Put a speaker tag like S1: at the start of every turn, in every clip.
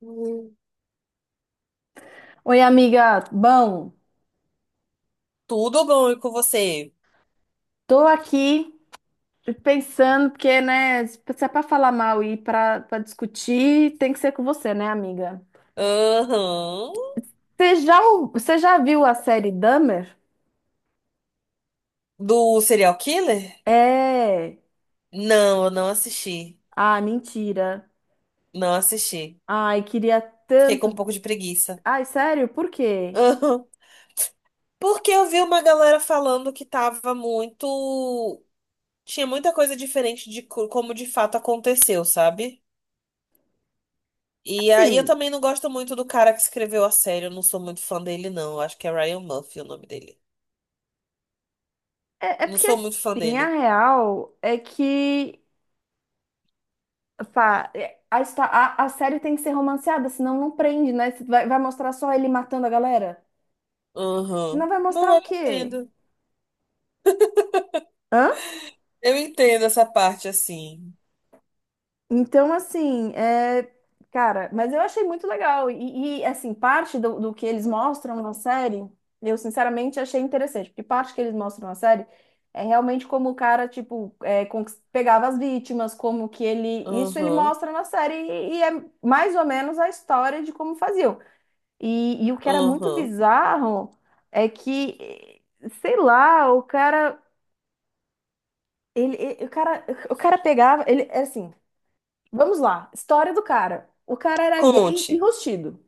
S1: Hum.
S2: Oi, amiga. Bom,
S1: Tudo bom e com você?
S2: tô aqui pensando, porque, né, se é pra falar mal e pra discutir, tem que ser com você, né, amiga?
S1: Aham.
S2: Você já, você já viu a série Dahmer?
S1: Do Serial Killer?
S2: É.
S1: Não, eu não assisti.
S2: Ah, mentira.
S1: Não assisti.
S2: Ai, queria
S1: Fiquei com um
S2: tanto.
S1: pouco de preguiça.
S2: Ai, sério? Por quê?
S1: Aham. Porque eu vi uma galera falando que tava muito. Tinha muita coisa diferente como de fato aconteceu, sabe? E aí eu
S2: Assim,
S1: também não gosto muito do cara que escreveu a série. Eu não sou muito fã dele, não. Eu acho que é Ryan Murphy o nome dele.
S2: é
S1: Não
S2: porque,
S1: sou muito fã
S2: assim, a
S1: dele.
S2: real é que, pá, é, a, a série tem que ser romanceada, senão não prende, né? Vai mostrar só ele matando a galera? Senão
S1: Aham.
S2: vai mostrar
S1: Não, eu
S2: o quê?
S1: entendo.
S2: Hã?
S1: Eu entendo essa parte assim.
S2: Então, assim, é... cara, mas eu achei muito legal. E, assim, parte do que eles mostram na série, eu sinceramente achei interessante, porque parte que eles mostram na série é realmente como o cara, tipo, é, pegava as vítimas, como que ele. Isso ele
S1: Aham,
S2: mostra na série e é mais ou menos a história de como faziam. E o que era muito
S1: aham.
S2: bizarro é que, sei lá, o cara. Ele, o cara pegava, ele, assim, vamos lá. História do cara. O cara era gay
S1: Conte.
S2: enrustido.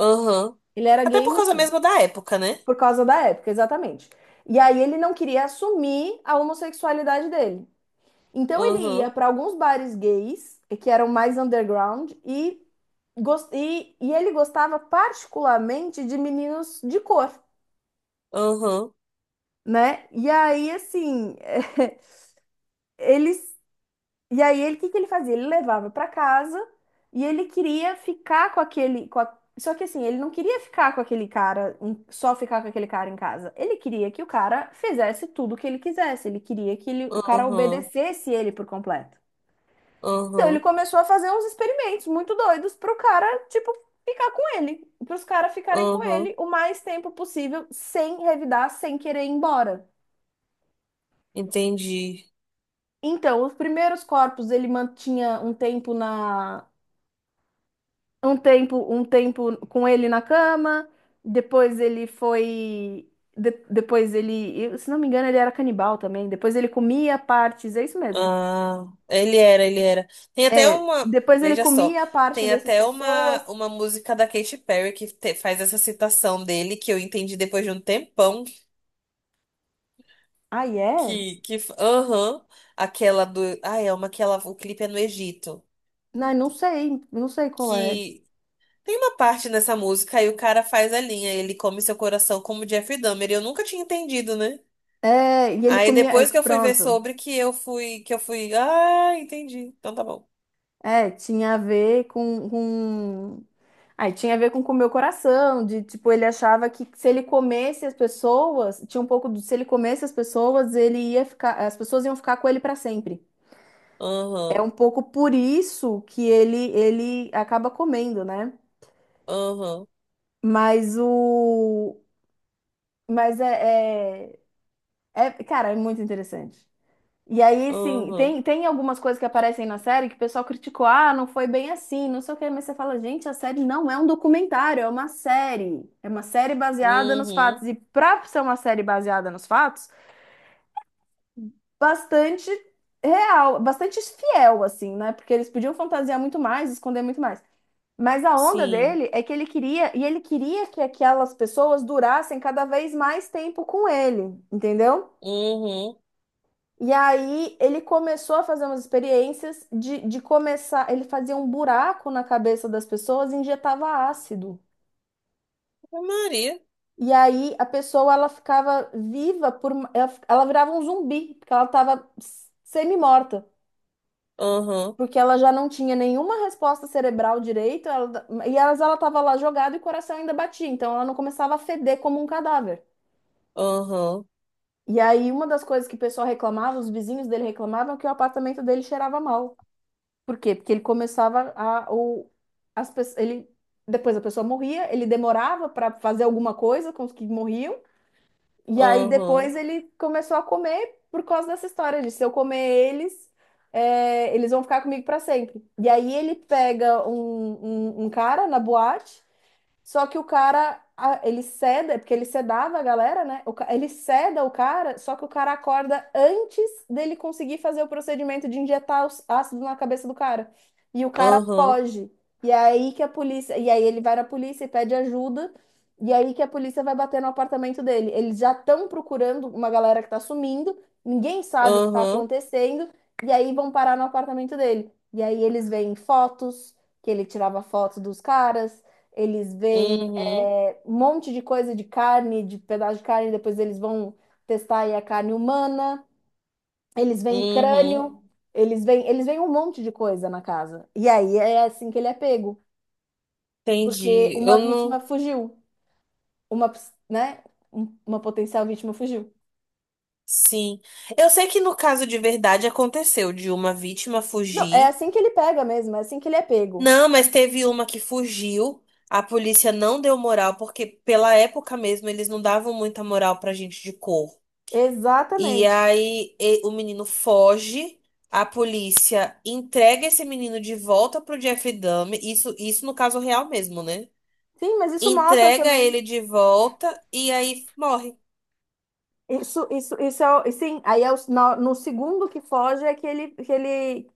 S1: Aham.
S2: Ele era
S1: Até
S2: gay
S1: por causa
S2: enrustido.
S1: mesmo da época, né?
S2: Por causa da época, exatamente. E aí ele não queria assumir a homossexualidade dele. Então ele ia
S1: Aham,
S2: para alguns bares gays, que eram mais underground, e, e ele gostava particularmente de meninos de cor,
S1: aham,
S2: né? E aí, assim, eles e aí ele, o que que ele fazia? Ele levava para casa e ele queria ficar com aquele, só que assim, ele não queria ficar com aquele cara, só ficar com aquele cara em casa. Ele queria que o cara fizesse tudo o que ele quisesse. Ele queria que o cara
S1: aham,
S2: obedecesse ele por completo. Então ele
S1: aham,
S2: começou a fazer uns experimentos muito doidos pro cara, tipo, ficar com ele, pros caras ficarem com
S1: aham.
S2: ele o mais tempo possível, sem revidar, sem querer ir embora.
S1: Entendi.
S2: Então, os primeiros corpos ele mantinha um tempo na um tempo com ele na cama, depois ele foi, depois ele, se não me engano, ele era canibal também. Depois ele comia partes, é isso mesmo.
S1: Ah, ele era, ele era. Tem até
S2: É,
S1: uma,
S2: depois ele
S1: veja só,
S2: comia a parte
S1: tem
S2: dessas
S1: até
S2: pessoas.
S1: uma música da Katy Perry faz essa citação dele, que eu entendi depois de um tempão,
S2: Ah, é?
S1: que, que, aham, aquela do, ah, é uma que ela, o clipe é no Egito
S2: Não, não sei, não sei qual é.
S1: que tem uma parte nessa música aí o cara faz a linha, ele come seu coração como Jeff Dahmer, e eu nunca tinha entendido, né?
S2: É, e ele
S1: Aí
S2: comia, é,
S1: depois que eu fui ver
S2: pronto.
S1: sobre que eu fui, ah, entendi. Então tá bom.
S2: É, tinha a ver com... Aí tinha a ver com o meu coração, de tipo, ele achava que se ele comesse as pessoas, tinha um pouco do se ele comesse as pessoas, ele ia ficar, as pessoas iam ficar com ele para sempre. É
S1: Aham,
S2: um pouco por isso que ele acaba comendo, né?
S1: aham,
S2: Mas o mas é, é, é- cara, é muito interessante. E aí, sim,
S1: aham,
S2: tem, tem algumas coisas que aparecem na série que o pessoal criticou, ah, não foi bem assim, não sei o quê, mas você fala, gente, a série não é um documentário, é uma série. É uma série baseada nos
S1: uhum,
S2: fatos. E pra ser uma série baseada nos fatos, bastante real, bastante fiel, assim, né? Porque eles podiam fantasiar muito mais, esconder muito mais. Mas a onda
S1: sim,
S2: dele é que ele queria, e ele queria que aquelas pessoas durassem cada vez mais tempo com ele, entendeu?
S1: uhum,
S2: E aí ele começou a fazer umas experiências de começar. Ele fazia um buraco na cabeça das pessoas e injetava ácido.
S1: Ave Maria,
S2: E aí a pessoa ela ficava viva por, ela, ela virava um zumbi, porque ela estava semi-morta,
S1: aham,
S2: porque ela já não tinha nenhuma resposta cerebral direito, e elas ela estava lá jogada e o coração ainda batia, então ela não começava a feder como um cadáver.
S1: aham,
S2: E aí uma das coisas que o pessoal reclamava, os vizinhos dele reclamavam, que o apartamento dele cheirava mal. Por quê? Porque ele começava a. O, as, ele, depois a pessoa morria, ele demorava para fazer alguma coisa com os que morriam, e aí
S1: aham,
S2: depois ele começou a comer por causa dessa história de se eu comer eles, é, eles vão ficar comigo para sempre. E aí ele pega um cara na boate só que o cara, ele ceda, é porque ele sedava a galera, né? O ele ceda o cara, só que o cara acorda antes dele conseguir fazer o procedimento de injetar os ácido na cabeça do cara. E o cara
S1: aham,
S2: foge. E é aí que a polícia, e aí ele vai na polícia e pede ajuda. E é aí que a polícia vai bater no apartamento dele. Eles já estão procurando uma galera que tá sumindo, ninguém sabe o que tá
S1: aham,
S2: acontecendo, e aí vão parar no apartamento dele. E aí eles veem fotos, que ele tirava fotos dos caras eles veem
S1: uhum,
S2: é, um monte de coisa de carne, de pedaço de carne, depois eles vão testar aí a carne humana. Eles veem
S1: uhum,
S2: crânio, eles veem um monte de coisa na casa. E aí é assim que ele é pego, porque
S1: entendi.
S2: uma
S1: Eu
S2: vítima
S1: não.
S2: fugiu, uma, né, uma potencial vítima fugiu.
S1: Sim. Eu sei que no caso de verdade aconteceu de uma vítima
S2: Não, é
S1: fugir.
S2: assim que ele pega mesmo, é assim que ele é pego.
S1: Não, mas teve uma que fugiu. A polícia não deu moral, porque pela época mesmo eles não davam muita moral pra gente de cor. E
S2: Exatamente.
S1: aí o menino foge, a polícia entrega esse menino de volta pro Jeff Dahmer. Isso no caso real mesmo, né?
S2: Sim, mas isso mostra
S1: Entrega
S2: também.
S1: ele de volta e aí morre,
S2: Isso é, e sim, aí é no, no segundo que foge é que ele,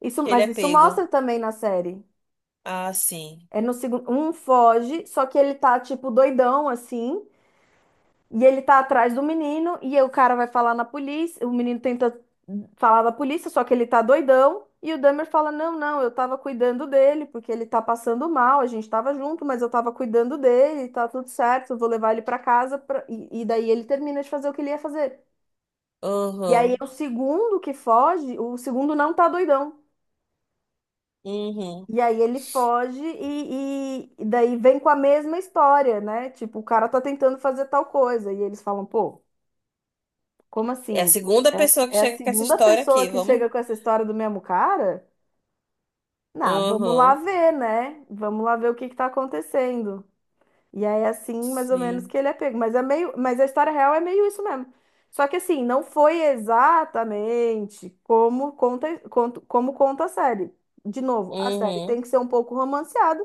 S2: isso,
S1: que ele
S2: mas
S1: é
S2: isso
S1: pego.
S2: mostra também na série.
S1: Ah, sim.
S2: É no segundo, um foge, só que ele tá tipo doidão assim, e ele tá atrás do menino e o cara vai falar na polícia, o menino tenta falar da polícia, só que ele tá doidão, e o Dahmer fala: "Não, não, eu tava cuidando dele, porque ele tá passando mal, a gente tava junto, mas eu tava cuidando dele, tá tudo certo, eu vou levar ele pra casa pra-" E, e daí ele termina de fazer o que ele ia fazer. E aí
S1: Aham.
S2: é o segundo que foge, o segundo não tá doidão.
S1: Uhum.
S2: E aí ele foge e, e daí vem com a mesma história, né? Tipo, o cara tá tentando fazer tal coisa. E eles falam, pô, como
S1: É a
S2: assim?
S1: segunda pessoa que
S2: É, é a
S1: chega com essa
S2: segunda
S1: história
S2: pessoa
S1: aqui,
S2: que
S1: vamos.
S2: chega com essa história do mesmo cara? Nah, vamos lá
S1: Uhum.
S2: ver, né? Vamos lá ver o que que tá acontecendo. E aí, é assim, mais ou menos
S1: Sim.
S2: que ele é pego. Mas é meio, mas a história real é meio isso mesmo. Só que assim, não foi exatamente como conta, como conta a série. De novo, a série tem
S1: Uhum.
S2: que ser um pouco romanceada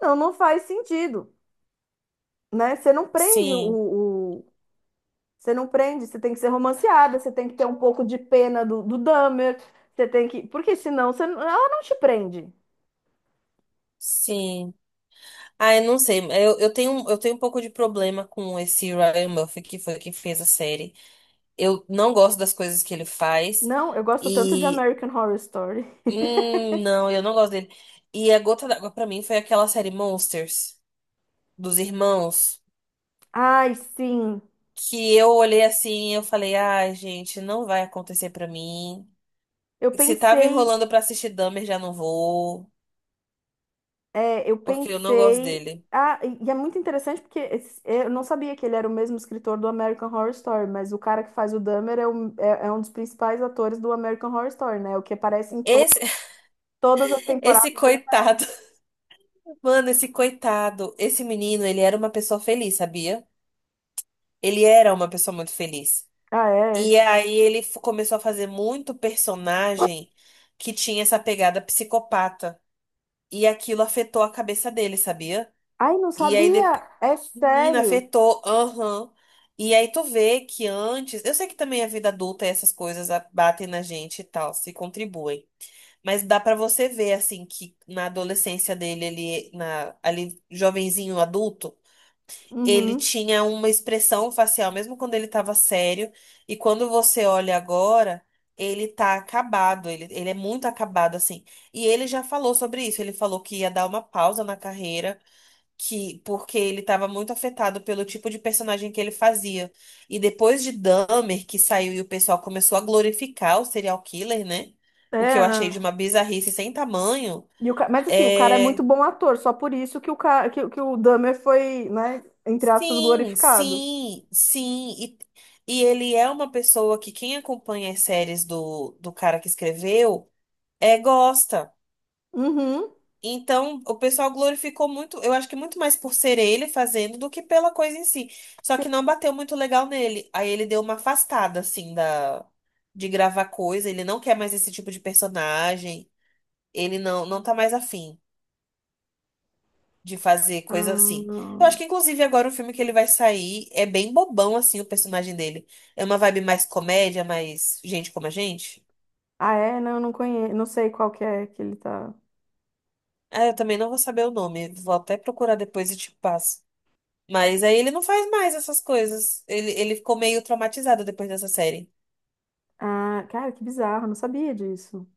S2: não, não faz sentido, né? Você não prende
S1: Sim.
S2: o- Você não prende, você tem que ser romanceada, você tem que ter um pouco de pena do, do Dahmer, você tem que... Porque senão você... não- ela não te prende.
S1: Sim. Ah, eu não sei. Eu tenho um pouco de problema com esse Ryan Murphy, que foi quem fez a série. Eu não gosto das coisas que ele faz.
S2: Não, eu gosto tanto de
S1: E.
S2: American Horror Story.
S1: Não, eu não gosto dele. E a gota d'água pra mim foi aquela série Monsters, dos irmãos,
S2: Ai, sim.
S1: que eu olhei assim e eu falei, ai, gente, não vai acontecer pra mim.
S2: Eu
S1: Se tava
S2: pensei...
S1: enrolando pra assistir Dahmer, já não vou,
S2: é, eu
S1: porque eu não gosto
S2: pensei...
S1: dele.
S2: Ah, e é muito interessante porque esse- é, eu não sabia que ele era o mesmo escritor do American Horror Story, mas o cara que faz o Dahmer é, um é é um dos principais atores do American Horror Story, né? O que aparece em to-
S1: Esse,
S2: todas as
S1: esse
S2: temporadas.
S1: coitado, mano, esse coitado, esse menino, ele era uma pessoa feliz, sabia? Ele era uma pessoa muito feliz.
S2: Ah, é?
S1: E aí começou a fazer muito personagem que tinha essa pegada psicopata. E aquilo afetou a cabeça dele, sabia?
S2: Ai, não
S1: E aí depois,
S2: sabia. É
S1: menina,
S2: sério.
S1: afetou, aham. E aí tu vê que antes, eu sei que também a vida adulta e essas coisas batem na gente e tal, se contribuem. Mas dá pra você ver, assim, que na adolescência dele, ele, na, ali, jovenzinho, adulto, ele
S2: Uhum.
S1: tinha uma expressão facial, mesmo quando ele tava sério. E quando você olha agora, ele tá acabado, ele é muito acabado, assim. E ele já falou sobre isso, ele falou que ia dar uma pausa na carreira que porque ele estava muito afetado pelo tipo de personagem que ele fazia. E depois de Dahmer, que saiu e o pessoal começou a glorificar o serial killer, né? O que eu achei
S2: Era.
S1: de uma bizarrice sem tamanho.
S2: E o mas assim, o cara é muito
S1: É...
S2: bom ator, só por isso que o, ca... que o Dahmer foi, né, entre aspas,
S1: Sim,
S2: glorificado.
S1: sim, sim. E ele é uma pessoa que quem acompanha as séries do cara que escreveu é gosta.
S2: Uhum.
S1: Então, o pessoal glorificou muito, eu acho que muito mais por ser ele fazendo do que pela coisa em si. Só que
S2: Sim.
S1: não bateu muito legal nele. Aí ele deu uma afastada, assim, da, de gravar coisa. Ele não quer mais esse tipo de personagem. Ele não tá mais afim de fazer
S2: Ah,
S1: coisa assim. Eu acho
S2: não.
S1: que, inclusive, agora o filme que ele vai sair é bem bobão, assim, o personagem dele. É uma vibe mais comédia, mais gente como a gente.
S2: Ah, é? Não, eu não conheço, não sei qual que é que ele tá.
S1: Ah, eu também não vou saber o nome. Vou até procurar depois e te passo. Mas aí ele não faz mais essas coisas. Ele ficou meio traumatizado depois dessa série.
S2: Ah, cara, que bizarro, não sabia disso.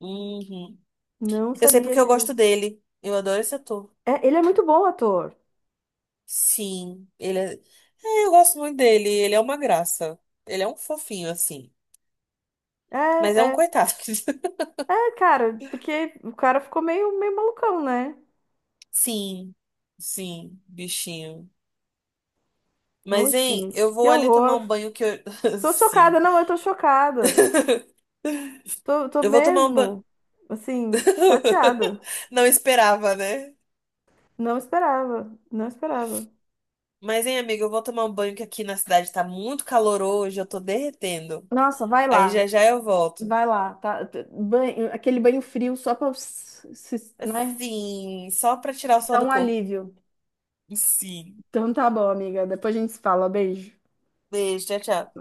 S1: Uhum.
S2: Não
S1: Eu sei
S2: sabia
S1: porque eu gosto
S2: disso.
S1: dele. Eu adoro esse ator.
S2: É, ele é muito bom ator.
S1: Sim, ele é... é, eu gosto muito dele. Ele é uma graça. Ele é um fofinho, assim.
S2: É,
S1: Mas é um
S2: é,
S1: coitado.
S2: é, cara, porque o cara ficou meio, meio malucão, né?
S1: Sim, sim, bichinho.
S2: Ô,
S1: Mas, hein, eu
S2: gente, que
S1: vou ali tomar
S2: horror.
S1: um banho que eu.
S2: Tô chocada,
S1: Sim.
S2: não, eu tô chocada. Tô, tô
S1: Eu vou tomar um banho.
S2: mesmo, assim, chateada.
S1: Não esperava, né?
S2: Não esperava, não esperava.
S1: Mas, hein, amiga, eu vou tomar um banho que aqui na cidade tá muito calor hoje, eu tô derretendo.
S2: Nossa,
S1: Aí já já eu volto.
S2: vai lá, tá? T- Banho, aquele banho frio só pra, né,
S1: Assim, só pra tirar o sol
S2: dar
S1: do
S2: um
S1: corpo.
S2: alívio.
S1: Sim.
S2: Então tá bom, amiga. Depois a gente se fala. Beijo.
S1: Beijo, tchau, tchau.